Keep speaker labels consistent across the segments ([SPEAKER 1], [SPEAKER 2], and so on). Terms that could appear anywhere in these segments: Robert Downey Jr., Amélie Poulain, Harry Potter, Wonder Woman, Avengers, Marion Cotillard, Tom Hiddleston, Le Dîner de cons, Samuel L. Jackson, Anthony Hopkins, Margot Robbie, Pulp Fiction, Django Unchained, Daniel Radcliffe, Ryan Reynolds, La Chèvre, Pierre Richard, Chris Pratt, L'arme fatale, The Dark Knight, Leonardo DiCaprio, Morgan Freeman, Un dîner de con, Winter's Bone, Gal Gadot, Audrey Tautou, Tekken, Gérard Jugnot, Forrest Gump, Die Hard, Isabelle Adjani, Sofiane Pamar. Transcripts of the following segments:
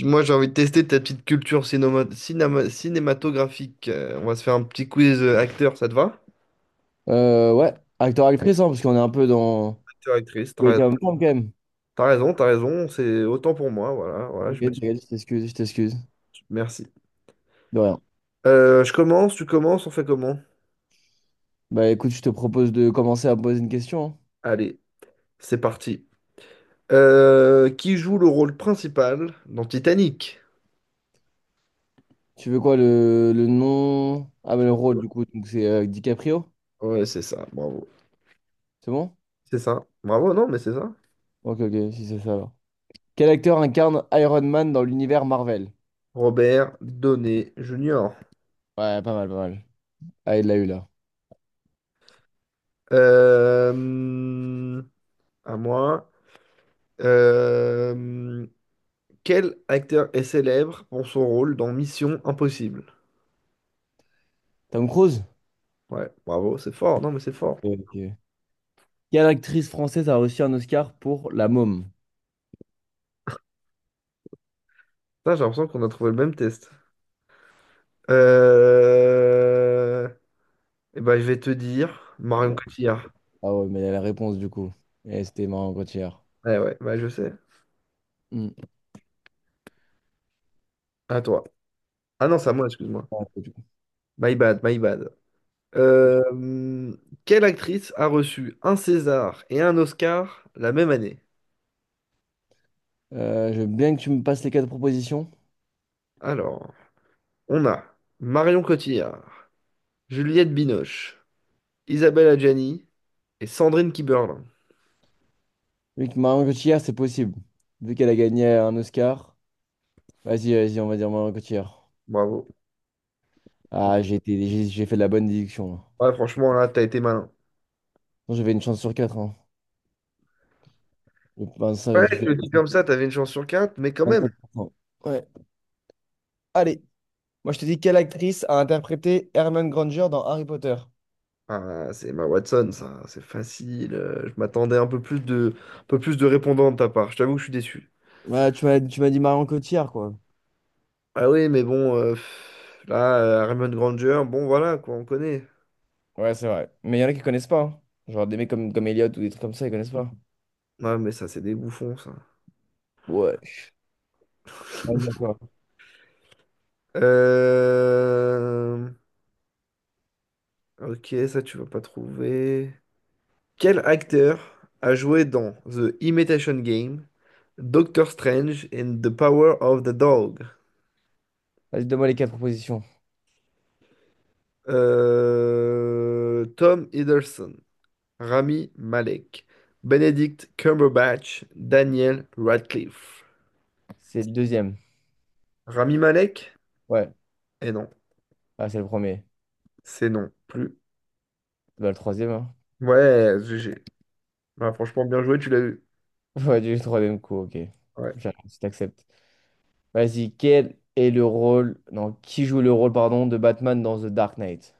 [SPEAKER 1] Moi, j'ai envie de tester ta petite culture cinématographique. On va se faire un petit quiz acteur, ça te va?
[SPEAKER 2] Ouais, acteur-actrice, hein, parce qu'on est un peu dans...
[SPEAKER 1] Acteur, actrice, t'as
[SPEAKER 2] il oui,
[SPEAKER 1] raison,
[SPEAKER 2] quand même, quand même.
[SPEAKER 1] t'as raison, t'as raison, c'est autant pour moi, voilà, voilà, je me...
[SPEAKER 2] T'inquiète, t'inquiète, je t'excuse, je t'excuse.
[SPEAKER 1] Merci.
[SPEAKER 2] De rien.
[SPEAKER 1] Je commence, tu commences, on fait comment?
[SPEAKER 2] Bah écoute, je te propose de commencer à me poser une question, hein.
[SPEAKER 1] Allez, c'est parti. Qui joue le rôle principal dans Titanic?
[SPEAKER 2] Tu veux quoi, le nom... Ah, mais le rôle, du coup, donc c'est DiCaprio,
[SPEAKER 1] Ouais, c'est ça, bravo.
[SPEAKER 2] c'est bon?
[SPEAKER 1] C'est ça, bravo, non, mais c'est ça.
[SPEAKER 2] Ok, ok, si c'est ça, alors. Quel acteur incarne Iron Man dans l'univers Marvel?
[SPEAKER 1] Robert Downey Jr.
[SPEAKER 2] Ouais, pas mal, pas mal. Ah, il l'a eu, là.
[SPEAKER 1] Euh, à moi. Euh, Quel acteur est célèbre pour son rôle dans Mission Impossible?
[SPEAKER 2] Tom Cruise?
[SPEAKER 1] Ouais, bravo, c'est fort. Non, mais c'est fort.
[SPEAKER 2] Ok. Quelle actrice française a reçu un Oscar pour La Môme?
[SPEAKER 1] Putain, j'ai l'impression qu'on a trouvé le même test. Euh... Eh ben, je vais te dire Marion
[SPEAKER 2] Ouais.
[SPEAKER 1] Cotillard.
[SPEAKER 2] Ah ouais, mais il y a la réponse du coup. Et c'était marrant quand hier.
[SPEAKER 1] Ouais, ouais, bah, je sais.
[SPEAKER 2] Hmm.
[SPEAKER 1] À toi. Ah non, c'est à moi, excuse-moi.
[SPEAKER 2] Ah, c'est du coup.
[SPEAKER 1] My bad, my bad. Euh, hum, Quelle actrice a reçu un César et un Oscar la même année?
[SPEAKER 2] Je veux bien que tu me passes les quatre propositions.
[SPEAKER 1] Alors, on a Marion Cotillard, Juliette Binoche, Isabelle Adjani et Sandrine Kiberlin.
[SPEAKER 2] Vu que Marion Cotillard, c'est possible. Vu qu'elle a gagné un Oscar. Vas-y, vas-y, on va dire Marion Cotillard.
[SPEAKER 1] Bravo.
[SPEAKER 2] Ah, j'ai fait de la bonne déduction, là.
[SPEAKER 1] Ouais, franchement, là, t'as été malin.
[SPEAKER 2] Non, j'avais une chance sur quatre, hein. Je pense ça
[SPEAKER 1] Ouais,
[SPEAKER 2] qui
[SPEAKER 1] je
[SPEAKER 2] fait
[SPEAKER 1] le dis comme ça, t'avais une chance sur quatre, mais quand même.
[SPEAKER 2] 25%. Ouais. Allez, moi je te dis, quelle actrice a interprété Hermione Granger dans Harry Potter?
[SPEAKER 1] Ah, c'est ma Watson, ça, c'est facile. Je m'attendais un peu plus de répondants de ta part. Je t'avoue que je suis déçu.
[SPEAKER 2] Ouais, tu m'as dit Marion Cotillard, quoi.
[SPEAKER 1] Ah oui, mais bon, là, Herman Granger, bon, voilà, quoi, on connaît.
[SPEAKER 2] Ouais, c'est vrai. Mais il y en a qui connaissent pas, hein. Genre des mecs comme Elliot ou des trucs comme ça, ils connaissent pas.
[SPEAKER 1] Non, mais ça, c'est des bouffons, ça.
[SPEAKER 2] Ouais. Vas-y, à toi.
[SPEAKER 1] Euh... Ok, ça, tu vas pas trouver. Quel acteur a joué dans The Imitation Game, Doctor Strange and the Power of the Dog?
[SPEAKER 2] Vas-y, donne-moi les quatre propositions.
[SPEAKER 1] Tom Hiddleston, Rami Malek, Benedict Cumberbatch, Daniel Radcliffe.
[SPEAKER 2] C'est le deuxième.
[SPEAKER 1] Rami Malek?
[SPEAKER 2] Ouais.
[SPEAKER 1] Eh non,
[SPEAKER 2] Ah, c'est le premier.
[SPEAKER 1] c'est non plus.
[SPEAKER 2] Bah, le troisième, hein.
[SPEAKER 1] Ouais, GG. Ouais, franchement, bien joué, tu l'as eu.
[SPEAKER 2] Ouais, du troisième coup, ok.
[SPEAKER 1] Ouais.
[SPEAKER 2] J'arrête, je t'accepte. Vas-y, quel est le rôle... Non, qui joue le rôle, pardon, de Batman dans The Dark Knight?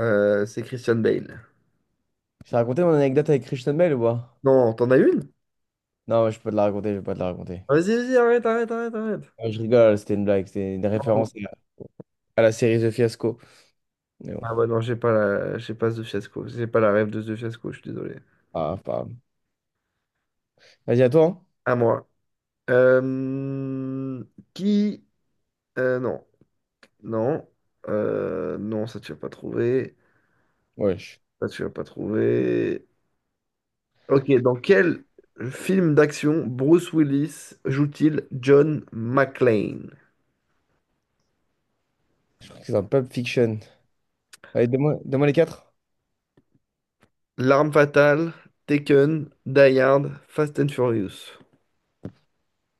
[SPEAKER 1] C'est Christian Bale.
[SPEAKER 2] Je t'ai raconté mon anecdote avec Christian Bale ou pas?
[SPEAKER 1] Non, t'en as une?
[SPEAKER 2] Non, je peux pas te la raconter, je vais pas te la raconter.
[SPEAKER 1] Ah, vas-y, vas-y, arrête, arrête, arrête, arrête.
[SPEAKER 2] Ouais, je rigole, c'était une blague, c'était une
[SPEAKER 1] Pardon.
[SPEAKER 2] référence à la série The Fiasco. Mais bon,
[SPEAKER 1] Ah ouais, non, j'ai pas la... j'ai pas ce Fiasco. J'ai pas la rêve de ce Fiasco, je suis désolé.
[SPEAKER 2] ah, pas... grave. Vas-y, à toi, hein.
[SPEAKER 1] À moi. Euh, Qui... non. Non. Non, ça tu vas pas trouver.
[SPEAKER 2] Ouais, je,
[SPEAKER 1] Ça tu vas pas trouver. Ok, dans quel film d'action Bruce Willis joue-t-il John McClane?
[SPEAKER 2] je crois que c'est dans Pulp Fiction. Allez, donne-moi les quatre.
[SPEAKER 1] L'arme fatale, Taken, Die Hard, Fast and Furious.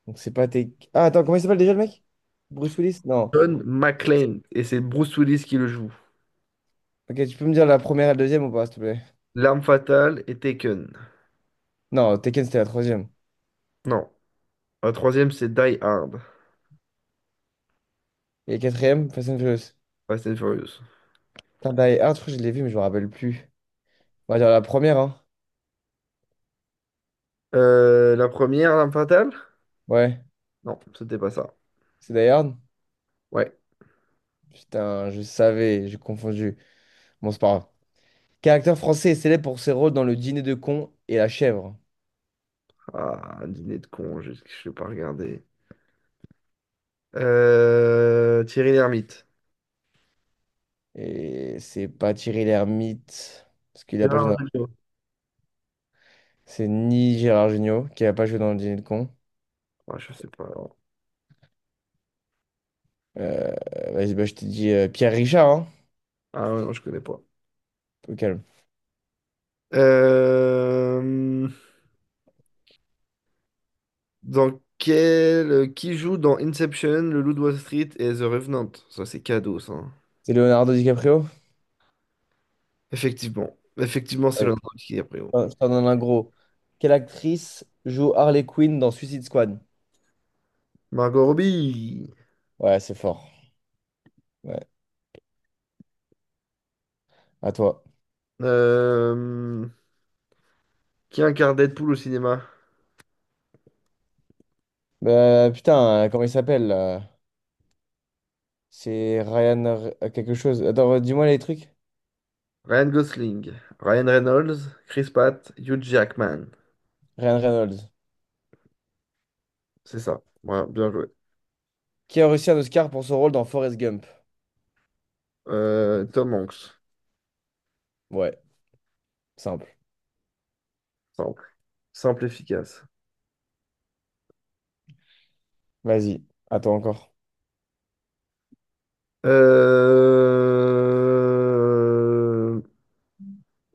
[SPEAKER 2] Donc, c'est pas tes. Ah, attends, comment il s'appelle déjà le mec? Bruce Willis? Non.
[SPEAKER 1] John
[SPEAKER 2] C'est-
[SPEAKER 1] McClane, et c'est Bruce Willis qui le joue.
[SPEAKER 2] Ok, tu peux me dire la première et la deuxième ou pas, s'il te plaît?
[SPEAKER 1] L'arme fatale et Taken.
[SPEAKER 2] Non, Tekken, c'était la troisième.
[SPEAKER 1] Non. La troisième, c'est Die Hard,
[SPEAKER 2] Et la quatrième, Fast and Furious.
[SPEAKER 1] Fast and Furious.
[SPEAKER 2] Putain, Die Hard, je crois que je l'ai vu, mais je me rappelle plus. On va dire la première, hein.
[SPEAKER 1] La première, l'arme fatale?
[SPEAKER 2] Ouais,
[SPEAKER 1] Non, c'était pas ça.
[SPEAKER 2] c'est Die Hard.
[SPEAKER 1] Ouais.
[SPEAKER 2] Putain, je savais, j'ai confondu. Bon, c'est pas grave. Quel acteur français est célèbre pour ses rôles dans Le Dîner de cons et La Chèvre?
[SPEAKER 1] Ah, un dîner de con, je l'ai pas regardé. Thierry Lhermitte.
[SPEAKER 2] Et c'est pas Thierry Lhermitte, parce qu'il a pas joué
[SPEAKER 1] Gérard
[SPEAKER 2] dans
[SPEAKER 1] Jugnot.
[SPEAKER 2] c'est ni Gérard Jugnot, qui a pas joué dans le Dîner de con.
[SPEAKER 1] Ouais, je sais pas, alors.
[SPEAKER 2] Euh, Vas-y, bah, je t'ai dit Pierre Richard, hein,
[SPEAKER 1] Ah ouais, non, je connais pas.
[SPEAKER 2] au calme.
[SPEAKER 1] Euh, Qui joue dans Inception, Le Loup de Wall Street et The Revenant? Ça, c'est cadeau, ça.
[SPEAKER 2] C'est Leonardo DiCaprio?
[SPEAKER 1] Effectivement. Effectivement, c'est
[SPEAKER 2] Oui.
[SPEAKER 1] l'un qui est pris.
[SPEAKER 2] Je t'en donne un gros. Quelle actrice joue Harley Quinn dans Suicide Squad?
[SPEAKER 1] Margot Robbie.
[SPEAKER 2] Ouais, c'est fort. Ouais, à toi.
[SPEAKER 1] Euh, Qui incarne Deadpool au cinéma?
[SPEAKER 2] Bah, putain, comment il s'appelle là. C'est quelque chose. Attends, dis-moi les trucs.
[SPEAKER 1] Ryan Gosling, Ryan Reynolds, Chris Pratt, Hugh Jackman.
[SPEAKER 2] Ryan Reynolds.
[SPEAKER 1] C'est ça. Voilà, bien joué.
[SPEAKER 2] Qui a reçu un Oscar pour son rôle dans Forrest Gump?
[SPEAKER 1] Tom Hanks.
[SPEAKER 2] Ouais, simple.
[SPEAKER 1] Simple. Simple, efficace.
[SPEAKER 2] Vas-y, attends encore.
[SPEAKER 1] Euh,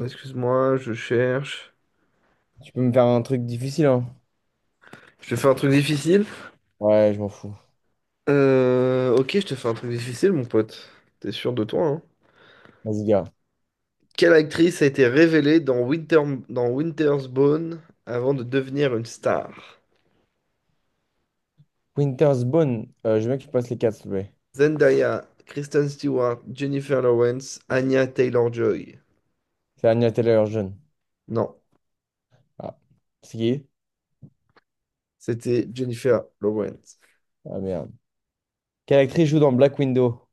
[SPEAKER 1] Excuse-moi, je cherche.
[SPEAKER 2] Tu peux me faire un truc difficile, hein?
[SPEAKER 1] Je te fais un truc difficile.
[SPEAKER 2] Ouais, je m'en fous.
[SPEAKER 1] Euh, Ok, je te fais un truc difficile, mon pote. T'es sûr de toi, hein?
[SPEAKER 2] Vas-y, gars.
[SPEAKER 1] Quelle actrice a été révélée dans Winter's Bone avant de devenir une star?
[SPEAKER 2] Winter's Bone, je veux bien que tu passes les quatre, s'il te plaît.
[SPEAKER 1] Zendaya, Kristen Stewart, Jennifer Lawrence, Anya Taylor-Joy.
[SPEAKER 2] C'est Anya Taylor-Joy.
[SPEAKER 1] Non,
[SPEAKER 2] Ah, c'est qui?
[SPEAKER 1] c'était Jennifer Lawrence.
[SPEAKER 2] Ah merde. Quelle actrice joue dans Black Widow?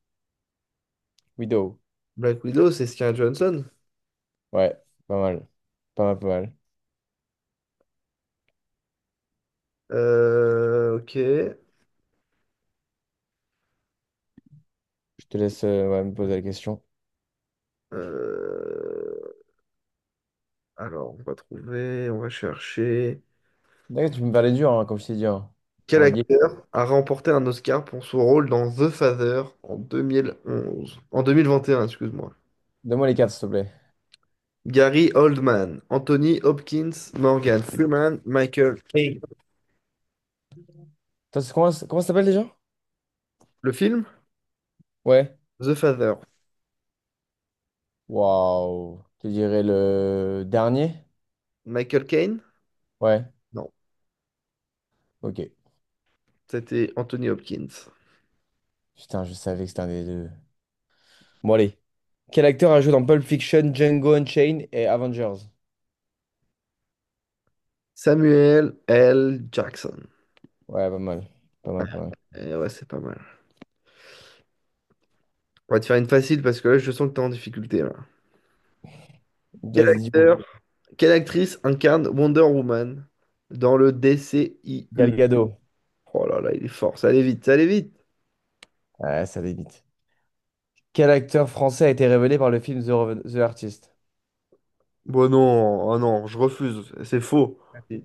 [SPEAKER 2] Widow.
[SPEAKER 1] Black Widow, c'est Scarlett Johansson.
[SPEAKER 2] Ouais, pas mal. Pas mal, pas mal.
[SPEAKER 1] Ok.
[SPEAKER 2] Je te laisse ouais, me poser la question.
[SPEAKER 1] Euh, Alors, on va trouver, on va chercher.
[SPEAKER 2] D'accord, tu peux me faire dur, hein, comme je t'ai dit, hein.
[SPEAKER 1] Quel
[SPEAKER 2] Genre, li-
[SPEAKER 1] acteur a remporté un Oscar pour son rôle dans The Father en 2021, excuse-moi.
[SPEAKER 2] donne-moi les quatre, s'il te plaît.
[SPEAKER 1] Gary Oldman, Anthony Hopkins, Morgan Freeman, Michael Caine.
[SPEAKER 2] Comment, comment ça s'appelle déjà?
[SPEAKER 1] Le film?
[SPEAKER 2] Ouais.
[SPEAKER 1] The Father.
[SPEAKER 2] Waouh. Je te dirais le dernier?
[SPEAKER 1] Michael Caine?
[SPEAKER 2] Ouais,
[SPEAKER 1] Non,
[SPEAKER 2] ok.
[SPEAKER 1] c'était Anthony Hopkins.
[SPEAKER 2] Putain, je savais que c'était un des deux. Bon, allez. Quel acteur a joué dans Pulp Fiction, Django Unchained et Avengers?
[SPEAKER 1] Samuel L. Jackson.
[SPEAKER 2] Ouais, pas mal. Pas mal, pas mal.
[SPEAKER 1] Eh ouais, c'est pas mal. On va te faire une facile parce que là, je sens que t'es en difficulté, là. Quel
[SPEAKER 2] Vas-y, dis-moi.
[SPEAKER 1] acteur Quelle actrice incarne Wonder Woman dans le DCIU?
[SPEAKER 2] Gal Gadot.
[SPEAKER 1] Oh là là, il est fort. Ça allait vite, ça allait vite.
[SPEAKER 2] Ouais, ça limite. Quel acteur français a été révélé par le film The, Reven- The Artist?
[SPEAKER 1] Bon non, ah non, je refuse. C'est faux.
[SPEAKER 2] Si.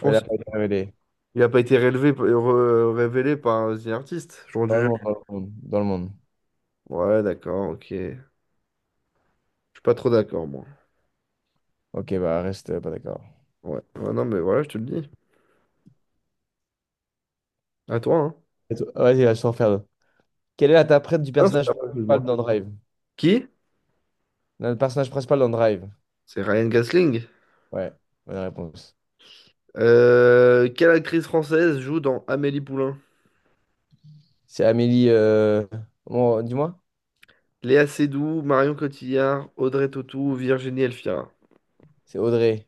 [SPEAKER 2] Ouais, il a pas été révélé.
[SPEAKER 1] il n'a pas été révélé par un The Artist. J'aurais
[SPEAKER 2] Dans le
[SPEAKER 1] dû...
[SPEAKER 2] monde, dans le monde. Dans le monde.
[SPEAKER 1] Ouais, d'accord, ok. Je suis pas trop d'accord, moi.
[SPEAKER 2] Ok, bah reste pas d'accord.
[SPEAKER 1] Ouais. Ouais, non, mais voilà, je te le dis. À toi, hein.
[SPEAKER 2] Vas-y, là, je t'en fais un autre. Quelle est l'interprète du
[SPEAKER 1] Ah, c'est
[SPEAKER 2] personnage
[SPEAKER 1] pas possible, moi.
[SPEAKER 2] principal dans Drive?
[SPEAKER 1] Qui?
[SPEAKER 2] Le personnage principal dans Drive.
[SPEAKER 1] C'est Ryan Gosling.
[SPEAKER 2] Ouais, bonne réponse.
[SPEAKER 1] Quelle actrice française joue dans Amélie Poulain?
[SPEAKER 2] C'est Amélie, bon, dis-moi.
[SPEAKER 1] Léa Seydoux, Marion Cotillard, Audrey Tautou, Virginie Elfira.
[SPEAKER 2] C'est Audrey.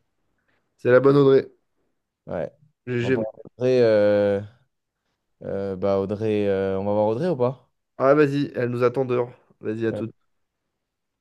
[SPEAKER 1] C'est la bonne Audrey.
[SPEAKER 2] Ouais. On va
[SPEAKER 1] GG.
[SPEAKER 2] voir Audrey. euh, Audrey. On va voir Audrey ou pas?
[SPEAKER 1] Ah, vas-y, elle nous attend dehors. Vas-y, à toute.